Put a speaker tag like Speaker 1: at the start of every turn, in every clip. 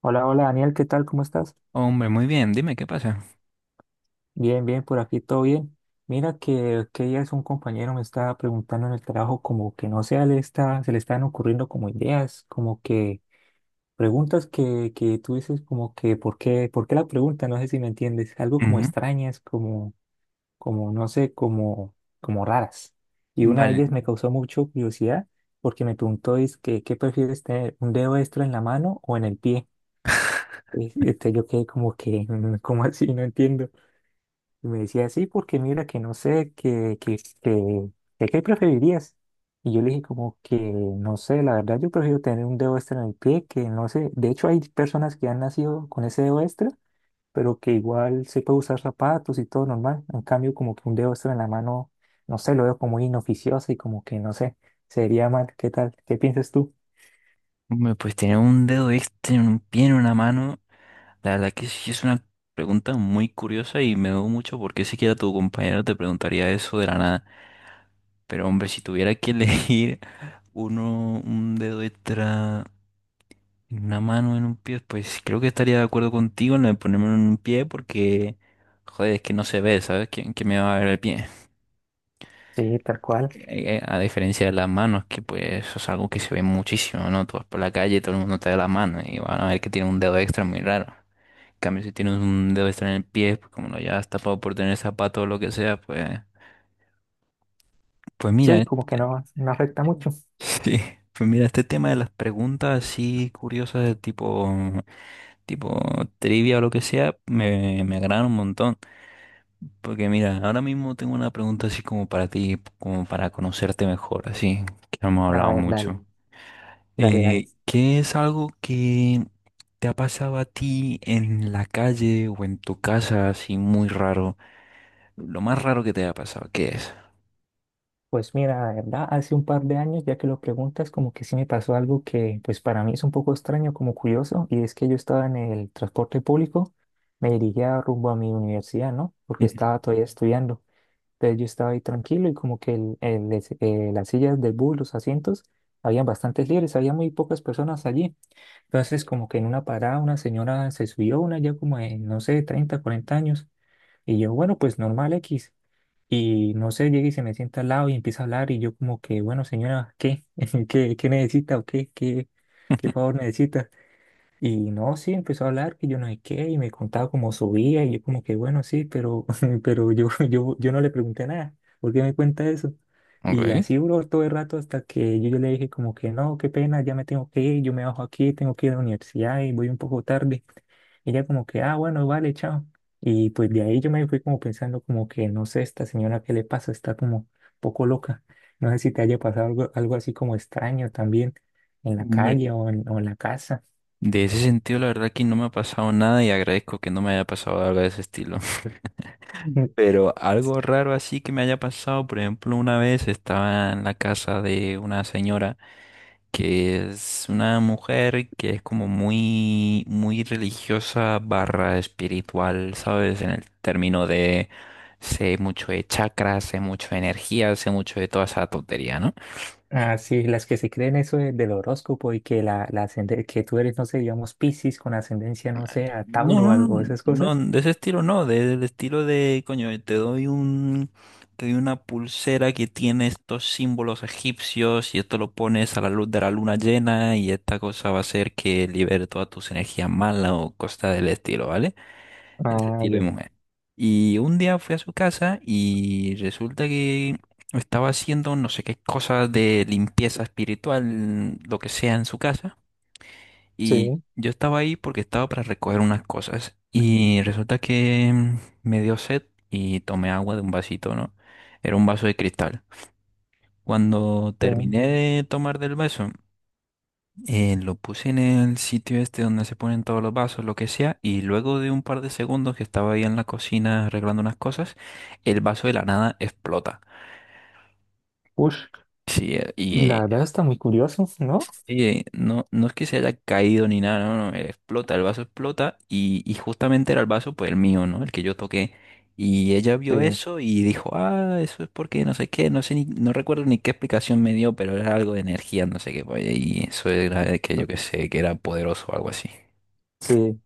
Speaker 1: Hola, hola Daniel, ¿qué tal? ¿Cómo estás?
Speaker 2: Hombre, muy bien, dime qué pasa.
Speaker 1: Bien, bien, por aquí todo bien. Mira que días un compañero me estaba preguntando en el trabajo como que no se le están ocurriendo como ideas, como que preguntas que tú dices como que ¿por qué la pregunta? No sé si me entiendes, algo como
Speaker 2: Ujú.
Speaker 1: extrañas, como, como, no sé, como raras. Y una de
Speaker 2: Vale.
Speaker 1: ellas me causó mucho curiosidad porque me preguntó es que ¿qué prefieres tener, un dedo extra en la mano o en el pie? Y, yo quedé como que, ¿cómo así? No entiendo. Y me decía, sí, porque mira, que no sé, que qué preferirías. Y yo le dije como que, no sé, la verdad yo prefiero tener un dedo extra en el pie, que no sé, de hecho hay personas que han nacido con ese dedo extra, pero que igual se puede usar zapatos y todo normal. En cambio, como que un dedo extra en la mano, no sé, lo veo como muy inoficioso y como que, no sé, sería mal. ¿Qué tal? ¿Qué piensas tú?
Speaker 2: Hombre, pues tener un dedo extra en un pie, en una mano, la verdad que sí es una pregunta muy curiosa y me dudo mucho por qué siquiera tu compañero te preguntaría eso de la nada. Pero hombre, si tuviera que elegir uno, un dedo extra en una mano, en un pie, pues creo que estaría de acuerdo contigo en lo de ponerme en un pie porque, joder, es que no se ve, ¿sabes? ¿Quién me va a ver el pie?
Speaker 1: Sí, tal cual.
Speaker 2: A diferencia de las manos, que pues eso es algo que se ve muchísimo, ¿no? Tú vas por la calle y todo el mundo te da la mano y van a ver que tiene un dedo extra muy raro. En cambio, si tienes un dedo extra en el pie, pues como lo llevas tapado por tener zapato o lo que sea, pues, pues mira,
Speaker 1: Sí, como que no, no afecta mucho.
Speaker 2: sí, pues mira, este tema de las preguntas así curiosas de tipo trivia o lo que sea, me agradan un montón. Porque mira, ahora mismo tengo una pregunta así como para ti, como para conocerte mejor, así, que no hemos
Speaker 1: A
Speaker 2: hablado
Speaker 1: ver, dale,
Speaker 2: mucho.
Speaker 1: dale, dale.
Speaker 2: ¿Qué es algo que te ha pasado a ti en la calle o en tu casa así muy raro? Lo más raro que te haya pasado, ¿qué es?
Speaker 1: Pues mira, la verdad, hace un par de años, ya que lo preguntas, como que sí me pasó algo que pues para mí es un poco extraño, como curioso, y es que yo estaba en el transporte público, me dirigía rumbo a mi universidad, ¿no? Porque estaba todavía estudiando. Entonces yo estaba ahí tranquilo y como que las sillas del bus, los asientos, habían bastantes libres, había muy pocas personas allí. Entonces como que en una parada una señora se subió, una ya como de, no sé, 30, 40 años. Y yo, bueno, pues normal X. Y no sé, llega y se me sienta al lado y empieza a hablar y yo como que, bueno, señora, ¿qué? ¿Qué necesita o qué? ¿Qué favor necesita? Y no, sí, empezó a hablar que yo no sé qué, y me contaba cómo subía, y yo como que bueno, sí, pero, pero yo no le pregunté nada, ¿por qué me cuenta eso? Y
Speaker 2: Ok.
Speaker 1: así duró todo el rato hasta que yo le dije como que no, qué pena, ya me tengo que ir, yo me bajo aquí, tengo que ir a la universidad y voy un poco tarde. Ella como que, ah, bueno, vale, chao. Y pues de ahí yo me fui como pensando como que, no sé, esta señora, ¿qué le pasa? Está como un poco loca. No sé si te haya pasado algo así como extraño también en la
Speaker 2: Hombre,
Speaker 1: calle o o en la casa.
Speaker 2: de ese sentido la verdad que no me ha pasado nada y agradezco que no me haya pasado algo de ese estilo. Pero algo raro así que me haya pasado, por ejemplo, una vez estaba en la casa de una señora que es una mujer que es como muy religiosa barra espiritual, ¿sabes? En el término de sé mucho de chakras, sé mucho de energía, sé mucho de toda esa tontería, ¿no?
Speaker 1: Ah, sí, las que se creen eso del horóscopo y que que tú eres, no sé, digamos, Piscis con ascendencia, no sé, a
Speaker 2: No,
Speaker 1: Tauro o
Speaker 2: no,
Speaker 1: algo, esas
Speaker 2: no,
Speaker 1: cosas.
Speaker 2: no, de ese estilo no, de- del estilo de, coño, te doy una pulsera que tiene estos símbolos egipcios y esto lo pones a la luz de la luna llena y esta cosa va a hacer que libere todas tus energías malas o cosas del estilo, ¿vale? Ese
Speaker 1: Ah,
Speaker 2: estilo de
Speaker 1: ya.
Speaker 2: mujer. Y un día fui a su casa y resulta que estaba haciendo no sé qué cosas de limpieza espiritual, lo que sea en su casa. Y
Speaker 1: Sí,
Speaker 2: yo estaba ahí porque estaba para recoger unas cosas. Y resulta que me dio sed y tomé agua de un vasito, ¿no? Era un vaso de cristal. Cuando
Speaker 1: sí.
Speaker 2: terminé de tomar del vaso, lo puse en el sitio este donde se ponen todos los vasos, lo que sea. Y luego de un par de segundos que estaba ahí en la cocina arreglando unas cosas, el vaso de la nada explota.
Speaker 1: Ush,
Speaker 2: Sí, eh,
Speaker 1: la
Speaker 2: y
Speaker 1: verdad está muy curioso, ¿no?
Speaker 2: oye, no, no es que se haya caído ni nada, no, no, explota, el vaso explota y justamente era el vaso, pues el mío, ¿no? El que yo toqué. Y ella vio
Speaker 1: Sí,
Speaker 2: eso y dijo, ah, eso es porque no sé qué, no sé ni, no recuerdo ni qué explicación me dio, pero era algo de energía, no sé qué, pues, y eso era de que yo qué sé, que era poderoso o algo así.
Speaker 1: sí.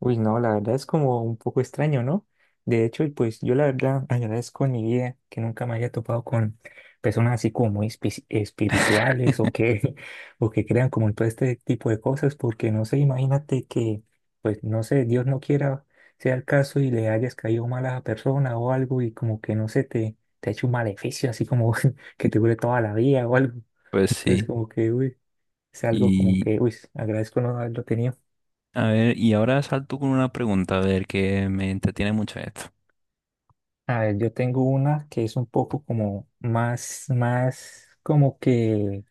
Speaker 1: Uy, no, la verdad es como un poco extraño, ¿no? De hecho, y pues yo la verdad agradezco en mi vida que nunca me haya topado con personas así como muy espirituales o que, o que crean como en todo este tipo de cosas, porque no sé, imagínate que, pues no sé, Dios no quiera sea el caso y le hayas caído mal a la persona o algo y como que no sé, te ha hecho un maleficio así como que te dure toda la vida o algo.
Speaker 2: Pues
Speaker 1: Entonces
Speaker 2: sí,
Speaker 1: como que, uy, es algo como
Speaker 2: y
Speaker 1: que, uy, agradezco no haberlo tenido.
Speaker 2: a ver, y ahora salto con una pregunta, a ver, que me entretiene mucho esto.
Speaker 1: A ver, yo tengo una que es un poco como más como que,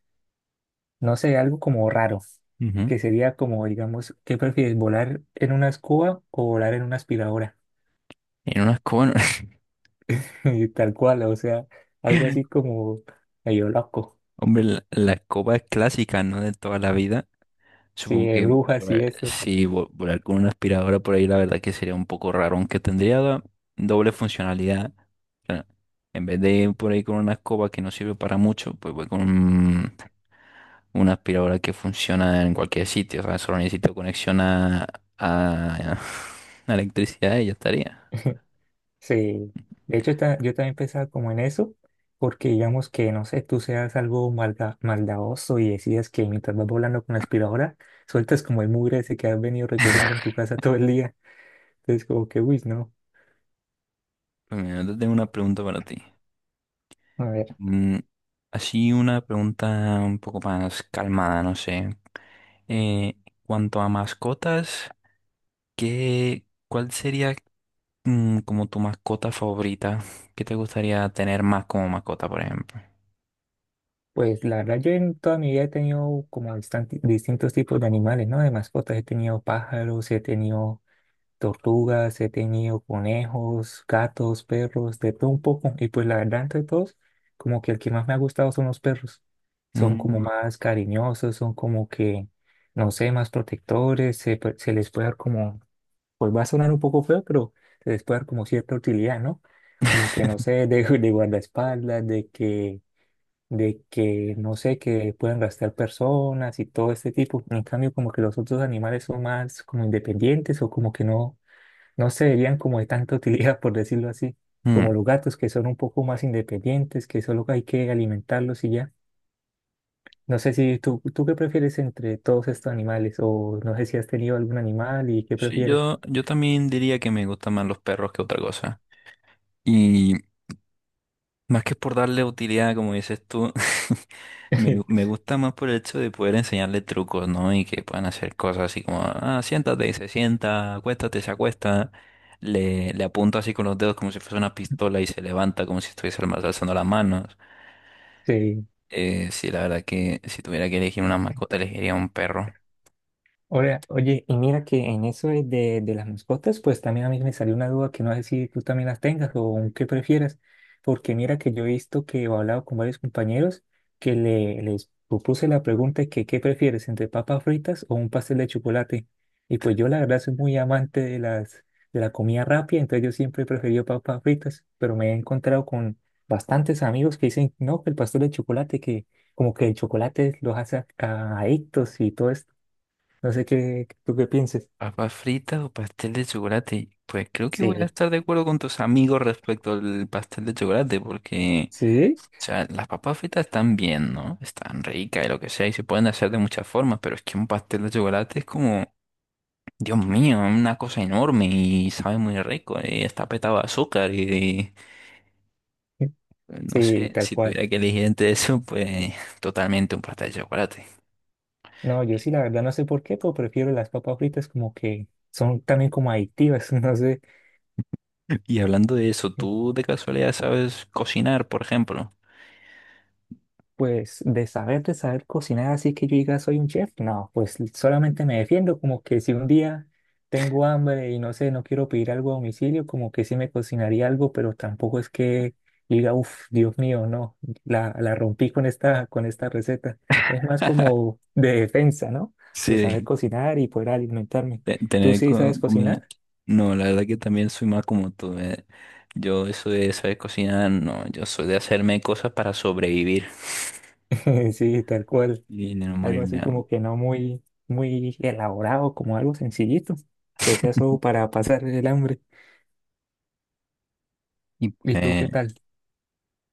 Speaker 1: no sé, algo como raro,
Speaker 2: Ujú.
Speaker 1: que sería como, digamos, ¿qué prefieres, volar en una escoba o volar en una aspiradora?
Speaker 2: En una escoba,
Speaker 1: Y tal cual, o sea, algo así como medio loco,
Speaker 2: hombre, la escoba es clásica, ¿no? De toda la vida.
Speaker 1: sí,
Speaker 2: Supongo
Speaker 1: de
Speaker 2: que
Speaker 1: brujas y eso.
Speaker 2: volar con una aspiradora por ahí, la verdad que sería un poco raro, aunque doble funcionalidad. O sea, en vez de ir por ahí con una escoba que no sirve para mucho, pues una aspiradora que funciona en cualquier sitio. O sea, solo necesito conexión a, a electricidad y ya estaría.
Speaker 1: Sí, de hecho yo también pensaba como en eso, porque digamos que, no sé, tú seas algo maldadoso y decides que mientras vas volando con la aspiradora, sueltas como el mugre ese que has venido recogiendo en tu casa todo el día. Entonces como que, uy, no.
Speaker 2: Pues mira, yo tengo una pregunta para ti.
Speaker 1: A ver,
Speaker 2: Mm, Así una pregunta un poco más calmada, no sé. Eh, Cuanto a mascotas. ¿Qué, cuál sería como tu mascota favorita? ¿Qué te gustaría tener más como mascota, por ejemplo?
Speaker 1: pues la verdad yo en toda mi vida he tenido como distintos tipos de animales, ¿no? De mascotas, he tenido pájaros, he tenido tortugas, he tenido conejos, gatos, perros, de todo un poco. Y pues la verdad, entre todos, como que el que más me ha gustado son los perros. Son como
Speaker 2: Mm.
Speaker 1: más cariñosos, son como que, no sé, más protectores, se les puede dar como, pues va a sonar un poco feo, pero se les puede dar como cierta utilidad, ¿no? Como que, no sé, de guardaespaldas, de que, no sé, que puedan gastar personas y todo este tipo. En cambio, como que los otros animales son más como independientes o como que no se verían como de tanta utilidad, por decirlo así,
Speaker 2: Mm.
Speaker 1: como los gatos que son un poco más independientes, que solo hay que alimentarlos y ya. No sé si tú qué prefieres entre todos estos animales o no sé si has tenido algún animal y qué
Speaker 2: Sí,
Speaker 1: prefieres.
Speaker 2: yo también diría que me gustan más los perros que otra cosa. Y más que por darle utilidad, como dices tú, me gusta más por el hecho de poder enseñarle trucos, ¿no? Y que puedan hacer cosas así como, ah, siéntate y se sienta, acuéstate, se acuesta. Le apunto así con los dedos como si fuese una pistola y se levanta como si estuviese alzando las manos.
Speaker 1: Sí.
Speaker 2: Sí, la verdad que si tuviera que elegir una mascota, elegiría un perro.
Speaker 1: Oye, oye, y mira que en eso de las mascotas, pues también a mí me salió una duda que no sé si tú también las tengas o qué prefieras, porque mira que yo he visto que he hablado con varios compañeros que les propuse la pregunta de que qué prefieres, entre papas fritas o un pastel de chocolate. Y pues yo la verdad soy muy amante de la comida rápida, entonces yo siempre he preferido papas fritas, pero me he encontrado con bastantes amigos que dicen, no, que el pastel de chocolate, que como que el chocolate los hace adictos y todo no sé qué, tú qué pienses.
Speaker 2: ¿Papas fritas o pastel de chocolate? Pues creo que voy a
Speaker 1: Sí,
Speaker 2: estar de acuerdo con tus amigos respecto al pastel de chocolate, porque, o
Speaker 1: ¿sí?
Speaker 2: sea, las papas fritas están bien, ¿no? Están ricas y lo que sea, y se pueden hacer de muchas formas, pero es que un pastel de chocolate es como, Dios mío, es una cosa enorme y sabe muy rico, y está petado de azúcar, y no
Speaker 1: Sí,
Speaker 2: sé,
Speaker 1: tal
Speaker 2: si
Speaker 1: cual.
Speaker 2: tuviera que elegir entre eso, pues totalmente un pastel de chocolate.
Speaker 1: No, yo sí, la verdad no sé por qué, pero prefiero las papas fritas como que son también como adictivas, no sé.
Speaker 2: Y hablando de eso, ¿tú de casualidad sabes cocinar, por ejemplo?
Speaker 1: Pues de saber cocinar, así que yo diga soy un chef, no, pues solamente me defiendo, como que si un día tengo hambre y no sé, no quiero pedir algo a domicilio, como que sí me cocinaría algo, pero tampoco es que diga, uff, Dios mío, no, la rompí con esta receta. Es más como de defensa, ¿no? De saber
Speaker 2: Sí,
Speaker 1: cocinar y poder alimentarme. ¿Tú
Speaker 2: tener
Speaker 1: sí sabes
Speaker 2: comida.
Speaker 1: cocinar?
Speaker 2: No, la verdad que también soy más como tú. Yo eso de saber cocinar, no, yo soy de hacerme cosas para sobrevivir
Speaker 1: Sí, tal cual.
Speaker 2: y de no
Speaker 1: Algo
Speaker 2: morirme
Speaker 1: así
Speaker 2: de hambre.
Speaker 1: como que no muy, muy elaborado, como algo sencillito, que sea solo para pasar el hambre.
Speaker 2: Y
Speaker 1: ¿Y tú qué
Speaker 2: pues,
Speaker 1: tal?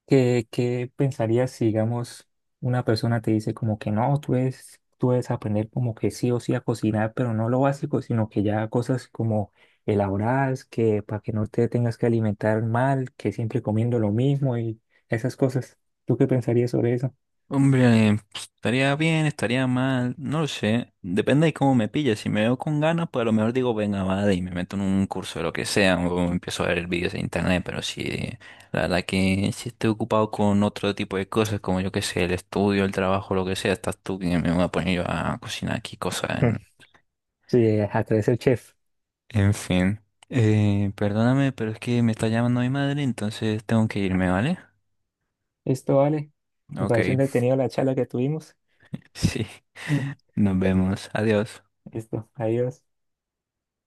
Speaker 1: ¿Qué pensarías si, digamos, una persona te dice como que no, tú debes aprender como que sí o sí a cocinar, pero no lo básico, sino que ya cosas como elaboradas, que para que no te tengas que alimentar mal, que siempre comiendo lo mismo y esas cosas. ¿Tú qué pensarías sobre eso?
Speaker 2: hombre, pues, estaría bien, estaría mal, no lo sé. Depende de cómo me pille. Si me veo con ganas, pues a lo mejor digo, venga, vale, y me meto en un curso de lo que sea, o empiezo a ver vídeos de internet, pero la verdad que si estoy ocupado con otro tipo de cosas, como yo qué sé, el estudio, el trabajo, lo que sea, estás tú que me voy a poner yo a cocinar aquí cosas en...
Speaker 1: Sí a través el chef.
Speaker 2: En fin. Perdóname, pero es que me está llamando mi madre, entonces tengo que irme, ¿vale?
Speaker 1: Esto vale. Me
Speaker 2: Ok,
Speaker 1: pareció entretenido la charla que tuvimos.
Speaker 2: sí. Nos vemos. Adiós.
Speaker 1: Listo, adiós.